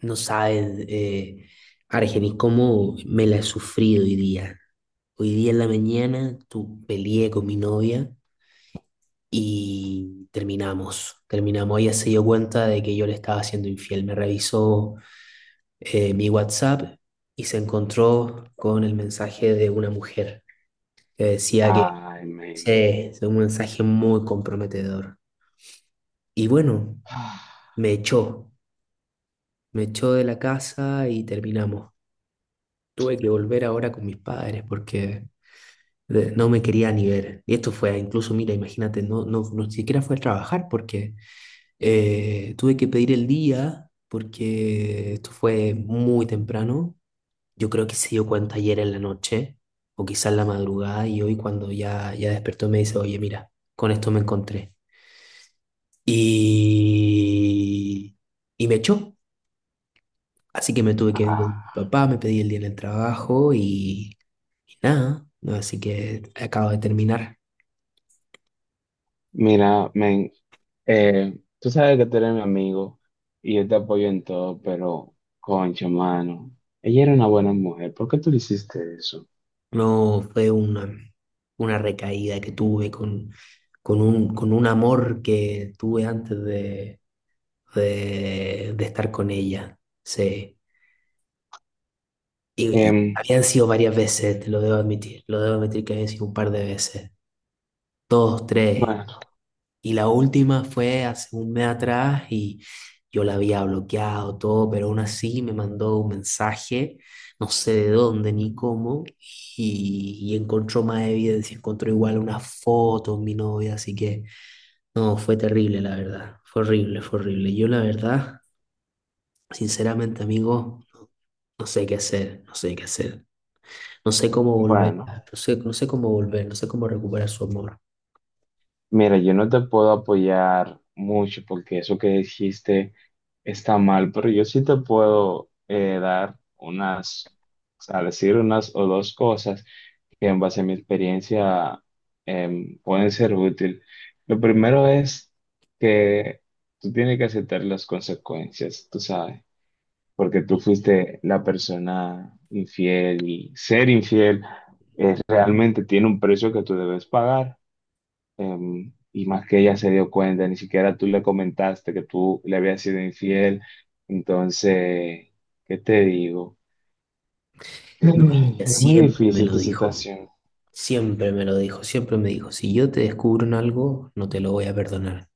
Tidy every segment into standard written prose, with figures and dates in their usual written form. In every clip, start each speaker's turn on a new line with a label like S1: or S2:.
S1: No sabes, Argenis, cómo me la he sufrido hoy día. Hoy día en la mañana peleé con mi novia y terminamos. Terminamos. Ella se dio cuenta de que yo le estaba siendo infiel. Me revisó mi WhatsApp y se encontró con el mensaje de una mujer que decía que
S2: Ay,
S1: sí,
S2: men.
S1: es un mensaje muy comprometedor. Y bueno, me echó. Me echó de la casa y terminamos. Tuve que volver ahora con mis padres porque no me quería ni ver. Y esto fue, incluso, mira, imagínate, no siquiera fue a trabajar porque tuve que pedir el día porque esto fue muy temprano. Yo creo que se dio cuenta ayer en la noche o quizás en la madrugada y hoy cuando ya despertó me dice, oye, mira, con esto me encontré. Y, y me echó. Así que me tuve que ir con mi
S2: Ah,
S1: papá, me pedí el día en el trabajo y nada, ¿no? Así que acabo de terminar.
S2: mira, men, tú sabes que tú eres mi amigo y yo te apoyo en todo, pero, concha, mano, ella era una buena mujer. ¿Por qué tú le hiciste eso?
S1: No, fue una recaída que tuve con un amor que tuve antes de estar con ella. Sí. Y
S2: Em,
S1: habían sido varias veces, te lo debo admitir que habían sido un par de veces, dos, tres,
S2: bueno,
S1: y la última fue hace un mes atrás y yo la había bloqueado todo, pero aún así me mandó un mensaje, no sé de dónde ni cómo, y encontró más evidencia, encontró igual una foto de mi novia, así que no, fue terrible la verdad, fue horrible, fue horrible. Yo la verdad, sinceramente amigo, no, no sé qué hacer, no sé qué hacer, no sé cómo volver,
S2: bueno,
S1: no sé, no sé cómo volver, no sé cómo recuperar su amor.
S2: mira, yo no te puedo apoyar mucho porque eso que dijiste está mal, pero yo sí te puedo dar unas, o sea, decir unas o dos cosas que en base a mi experiencia pueden ser útil. Lo primero es que tú tienes que aceptar las consecuencias, tú sabes, porque tú fuiste la persona infiel y ser infiel realmente tiene un precio que tú debes pagar. Y más que ella se dio cuenta, ni siquiera tú le comentaste que tú le habías sido infiel. Entonces, ¿qué te digo?
S1: No, y ella
S2: Es muy
S1: siempre me
S2: difícil
S1: lo
S2: tu
S1: dijo.
S2: situación.
S1: Siempre me lo dijo, siempre me dijo, si yo te descubro en algo, no te lo voy a perdonar.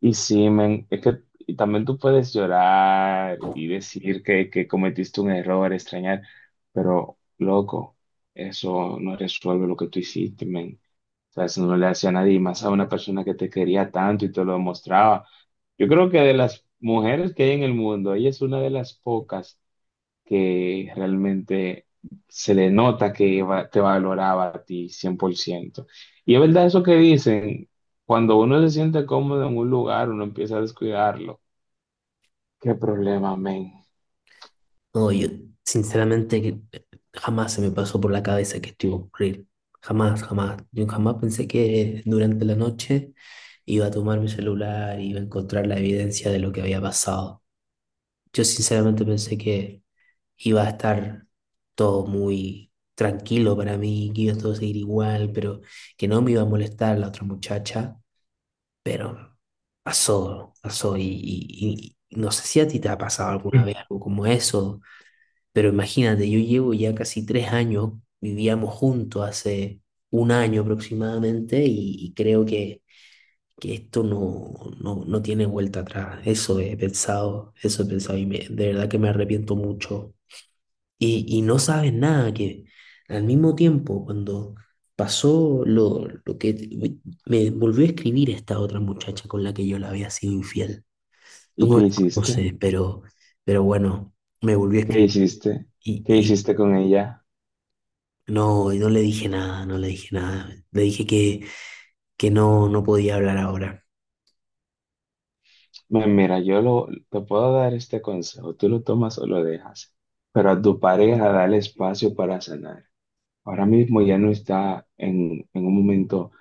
S2: Y sí, men, es que y también tú puedes llorar y decir que cometiste un error, extrañar, pero loco, eso no resuelve lo que tú hiciste, men. O sea, eso no le hace a nadie, y más a una persona que te quería tanto y te lo demostraba. Yo creo que de las mujeres que hay en el mundo, ella es una de las pocas que realmente se le nota que te valoraba a ti 100%. Y es verdad eso que dicen, cuando uno se siente cómodo en un lugar, uno empieza a descuidarlo. ¿Qué problema, men?
S1: No, yo sinceramente que jamás se me pasó por la cabeza que esto iba a ocurrir. Jamás, jamás. Yo jamás pensé que durante la noche iba a tomar mi celular y iba a encontrar la evidencia de lo que había pasado. Yo sinceramente pensé que iba a estar todo muy tranquilo para mí, que iba a todo seguir igual, pero que no me iba a molestar la otra muchacha. Pero pasó, pasó y, y no sé si a ti te ha pasado alguna
S2: Mm.
S1: vez algo como eso, pero imagínate, yo llevo ya casi tres años, vivíamos juntos hace un año aproximadamente y creo que esto no tiene vuelta atrás. Eso he pensado y de verdad que me arrepiento mucho y, no sabes nada, que al mismo tiempo cuando pasó lo que me volvió a escribir esta otra muchacha con la que yo la había sido infiel. Tú
S2: ¿Y
S1: no
S2: qué
S1: la
S2: hiciste?
S1: conoces, pero, bueno, me volvió a
S2: ¿Qué
S1: escribir
S2: hiciste?
S1: y,
S2: ¿Qué
S1: y
S2: hiciste con ella?
S1: no, y no le dije nada, no le dije nada. Le dije que no podía hablar ahora.
S2: Mira, te puedo dar este consejo, tú lo tomas o lo dejas, pero a tu pareja dale espacio para sanar. Ahora mismo ya no está en un momento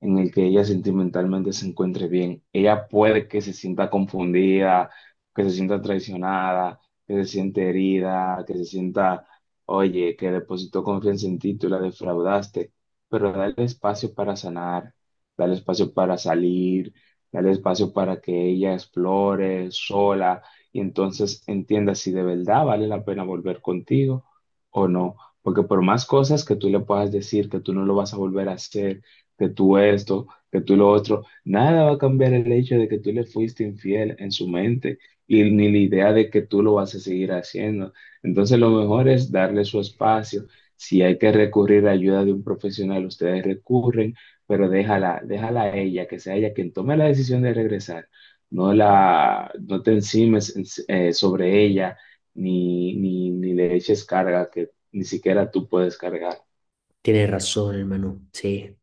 S2: en el que ella sentimentalmente se encuentre bien. Ella puede que se sienta confundida, que se sienta traicionada, que se siente herida, que se sienta, oye, que depositó confianza en ti, tú la defraudaste, pero dale espacio para sanar, dale espacio para salir, dale espacio para que ella explore sola y entonces entienda si de verdad vale la pena volver contigo o no. Porque por más cosas que tú le puedas decir, que tú no lo vas a volver a hacer, que tú esto, que tú lo otro, nada va a cambiar el hecho de que tú le fuiste infiel en su mente y ni la idea de que tú lo vas a seguir haciendo. Entonces lo mejor es darle su espacio. Si hay que recurrir a ayuda de un profesional, ustedes recurren, pero déjala, déjala a ella, que sea ella quien tome la decisión de regresar. No te encimes sobre ella ni le eches carga que ni siquiera tú puedes cargar.
S1: Tienes razón, hermano, sí.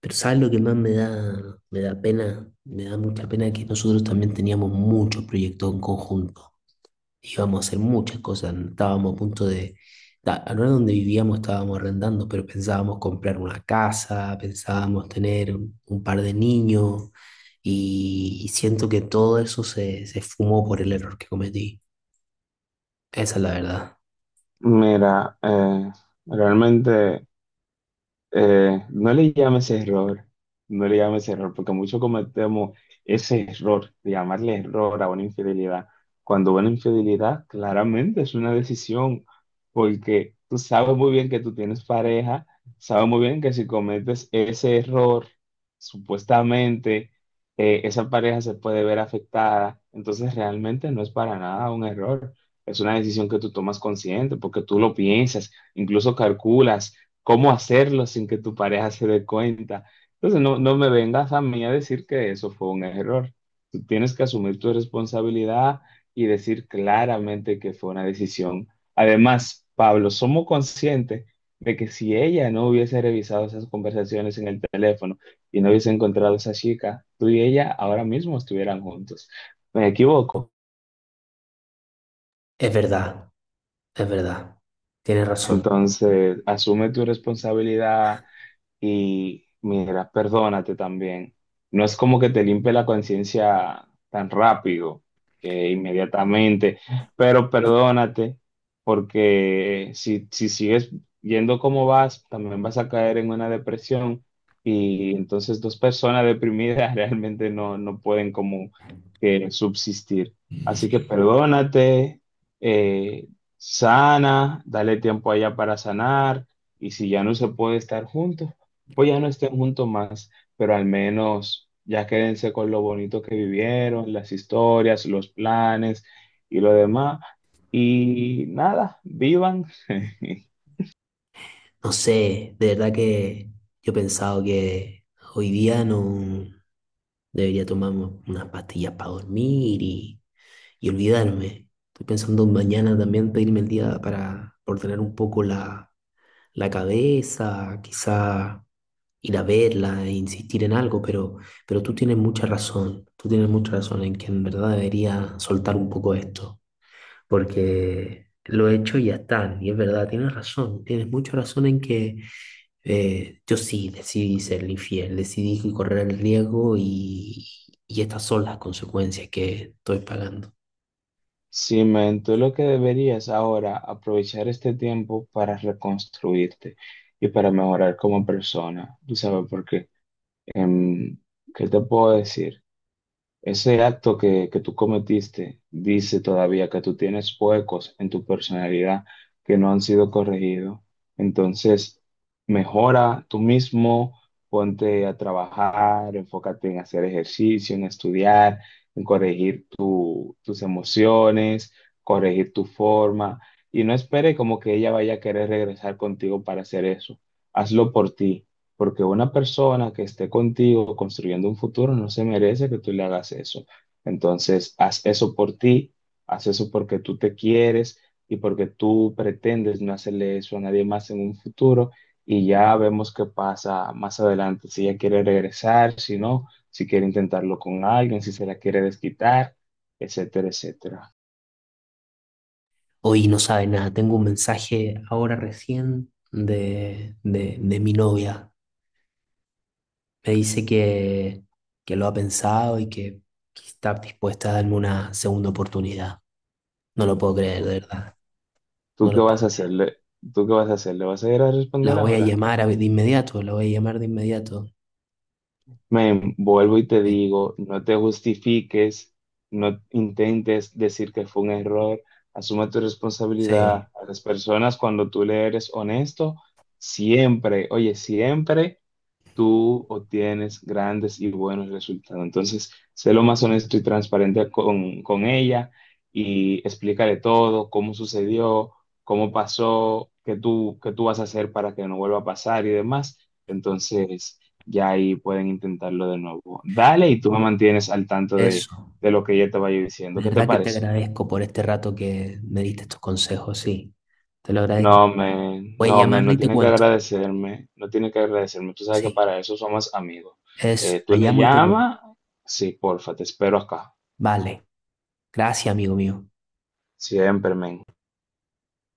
S1: Pero ¿sabes lo que más me da pena? Me da mucha pena que nosotros también teníamos muchos proyectos en conjunto. Íbamos a hacer muchas cosas. Estábamos a punto no era donde vivíamos, estábamos arrendando, pero pensábamos comprar una casa, pensábamos tener un par de niños y siento que todo eso se fumó por el error que cometí. Esa es la verdad.
S2: Mira, realmente no le llames error, no le llames error, porque muchos cometemos ese error de llamarle error a una infidelidad, cuando una infidelidad claramente es una decisión, porque tú sabes muy bien que tú tienes pareja, sabes muy bien que si cometes ese error, supuestamente esa pareja se puede ver afectada, entonces realmente no es para nada un error, es una decisión que tú tomas consciente, porque tú lo piensas, incluso calculas cómo hacerlo sin que tu pareja se dé cuenta. Entonces, no, no me vengas a mí a decir que eso fue un error. Tú tienes que asumir tu responsabilidad y decir claramente que fue una decisión. Además, Pablo, somos conscientes de que si ella no hubiese revisado esas conversaciones en el teléfono y no hubiese encontrado a esa chica, tú y ella ahora mismo estuvieran juntos. ¿Me equivoco?
S1: Es verdad, es verdad. Tienes razón.
S2: Entonces, asume tu responsabilidad, y mira, perdónate también. No es como que te limpie la conciencia tan rápido, que inmediatamente, pero perdónate, porque si sigues yendo como vas, también vas a caer en una depresión. Y entonces dos personas deprimidas realmente no, no pueden como que subsistir. Así que perdónate, eh, sana, dale tiempo allá para sanar. Y si ya no se puede estar juntos, pues ya no estén juntos más, pero al menos ya quédense con lo bonito que vivieron, las historias, los planes y lo demás. Y nada, vivan.
S1: No sé, de verdad que yo he pensado que hoy día no debería tomar unas pastillas para dormir y olvidarme. Estoy pensando mañana también pedirme el día para ordenar un poco la, la cabeza, quizá ir a verla e insistir en algo, pero tú tienes mucha razón, tú tienes mucha razón en que en verdad debería soltar un poco esto, porque lo he hecho y ya está, y es verdad, tienes razón, tienes mucha razón en que yo sí decidí ser infiel, decidí correr el riesgo y estas son las consecuencias que estoy pagando.
S2: Sí, men, tú lo que deberías ahora aprovechar este tiempo para reconstruirte y para mejorar como persona. ¿Tú sabes por qué? Em, ¿qué te puedo decir? Ese acto que tú cometiste dice todavía que tú tienes huecos en tu personalidad que no han sido corregidos. Entonces, mejora tú mismo, ponte a trabajar, enfócate en hacer ejercicio, en estudiar, en corregir tus emociones, corregir tu forma. Y no espere como que ella vaya a querer regresar contigo para hacer eso. Hazlo por ti. Porque una persona que esté contigo construyendo un futuro no se merece que tú le hagas eso. Entonces, haz eso por ti, haz eso porque tú te quieres y porque tú pretendes no hacerle eso a nadie más en un futuro. Y ya vemos qué pasa más adelante, si ella quiere regresar, si no, si quiere intentarlo con alguien, si se la quiere desquitar, etcétera, etcétera.
S1: Hoy no sabe nada, tengo un mensaje ahora recién de, de mi novia. Me dice que lo ha pensado y que está dispuesta a darme una segunda oportunidad. No lo puedo creer,
S2: ¿Tú,
S1: de verdad.
S2: tú
S1: No
S2: qué
S1: lo
S2: vas a
S1: puedo creer.
S2: hacerle? ¿Tú qué vas a hacer? ¿Le vas a ir a
S1: La
S2: responder
S1: voy a
S2: ahora?
S1: llamar de inmediato, la voy a llamar de inmediato.
S2: Men, vuelvo y te
S1: Eh,
S2: digo, no te justifiques, no intentes decir que fue un error, asume tu responsabilidad
S1: Sí,
S2: a las personas cuando tú le eres honesto, siempre, oye, siempre tú obtienes grandes y buenos resultados. Entonces, sé lo más honesto y transparente con ella y explícale todo, cómo sucedió, cómo pasó, qué tú vas a hacer para que no vuelva a pasar y demás. Entonces, ya ahí pueden intentarlo de nuevo. Dale y tú me mantienes al tanto de,
S1: eso.
S2: de lo que ella te vaya diciendo.
S1: De
S2: ¿Qué te
S1: verdad que te
S2: parece?
S1: agradezco por este rato que me diste estos consejos, sí. Te lo
S2: No,
S1: agradezco.
S2: men,
S1: Voy a
S2: no, men,
S1: llamarla
S2: no
S1: y te
S2: tiene que
S1: cuento.
S2: agradecerme, no tiene que agradecerme. Tú sabes que
S1: Sí,
S2: para eso somos amigos.
S1: eso.
S2: Tú
S1: La
S2: le
S1: llamo y te cuento.
S2: llamas, sí, porfa, te espero acá.
S1: Vale. Gracias, amigo mío.
S2: Siempre, men.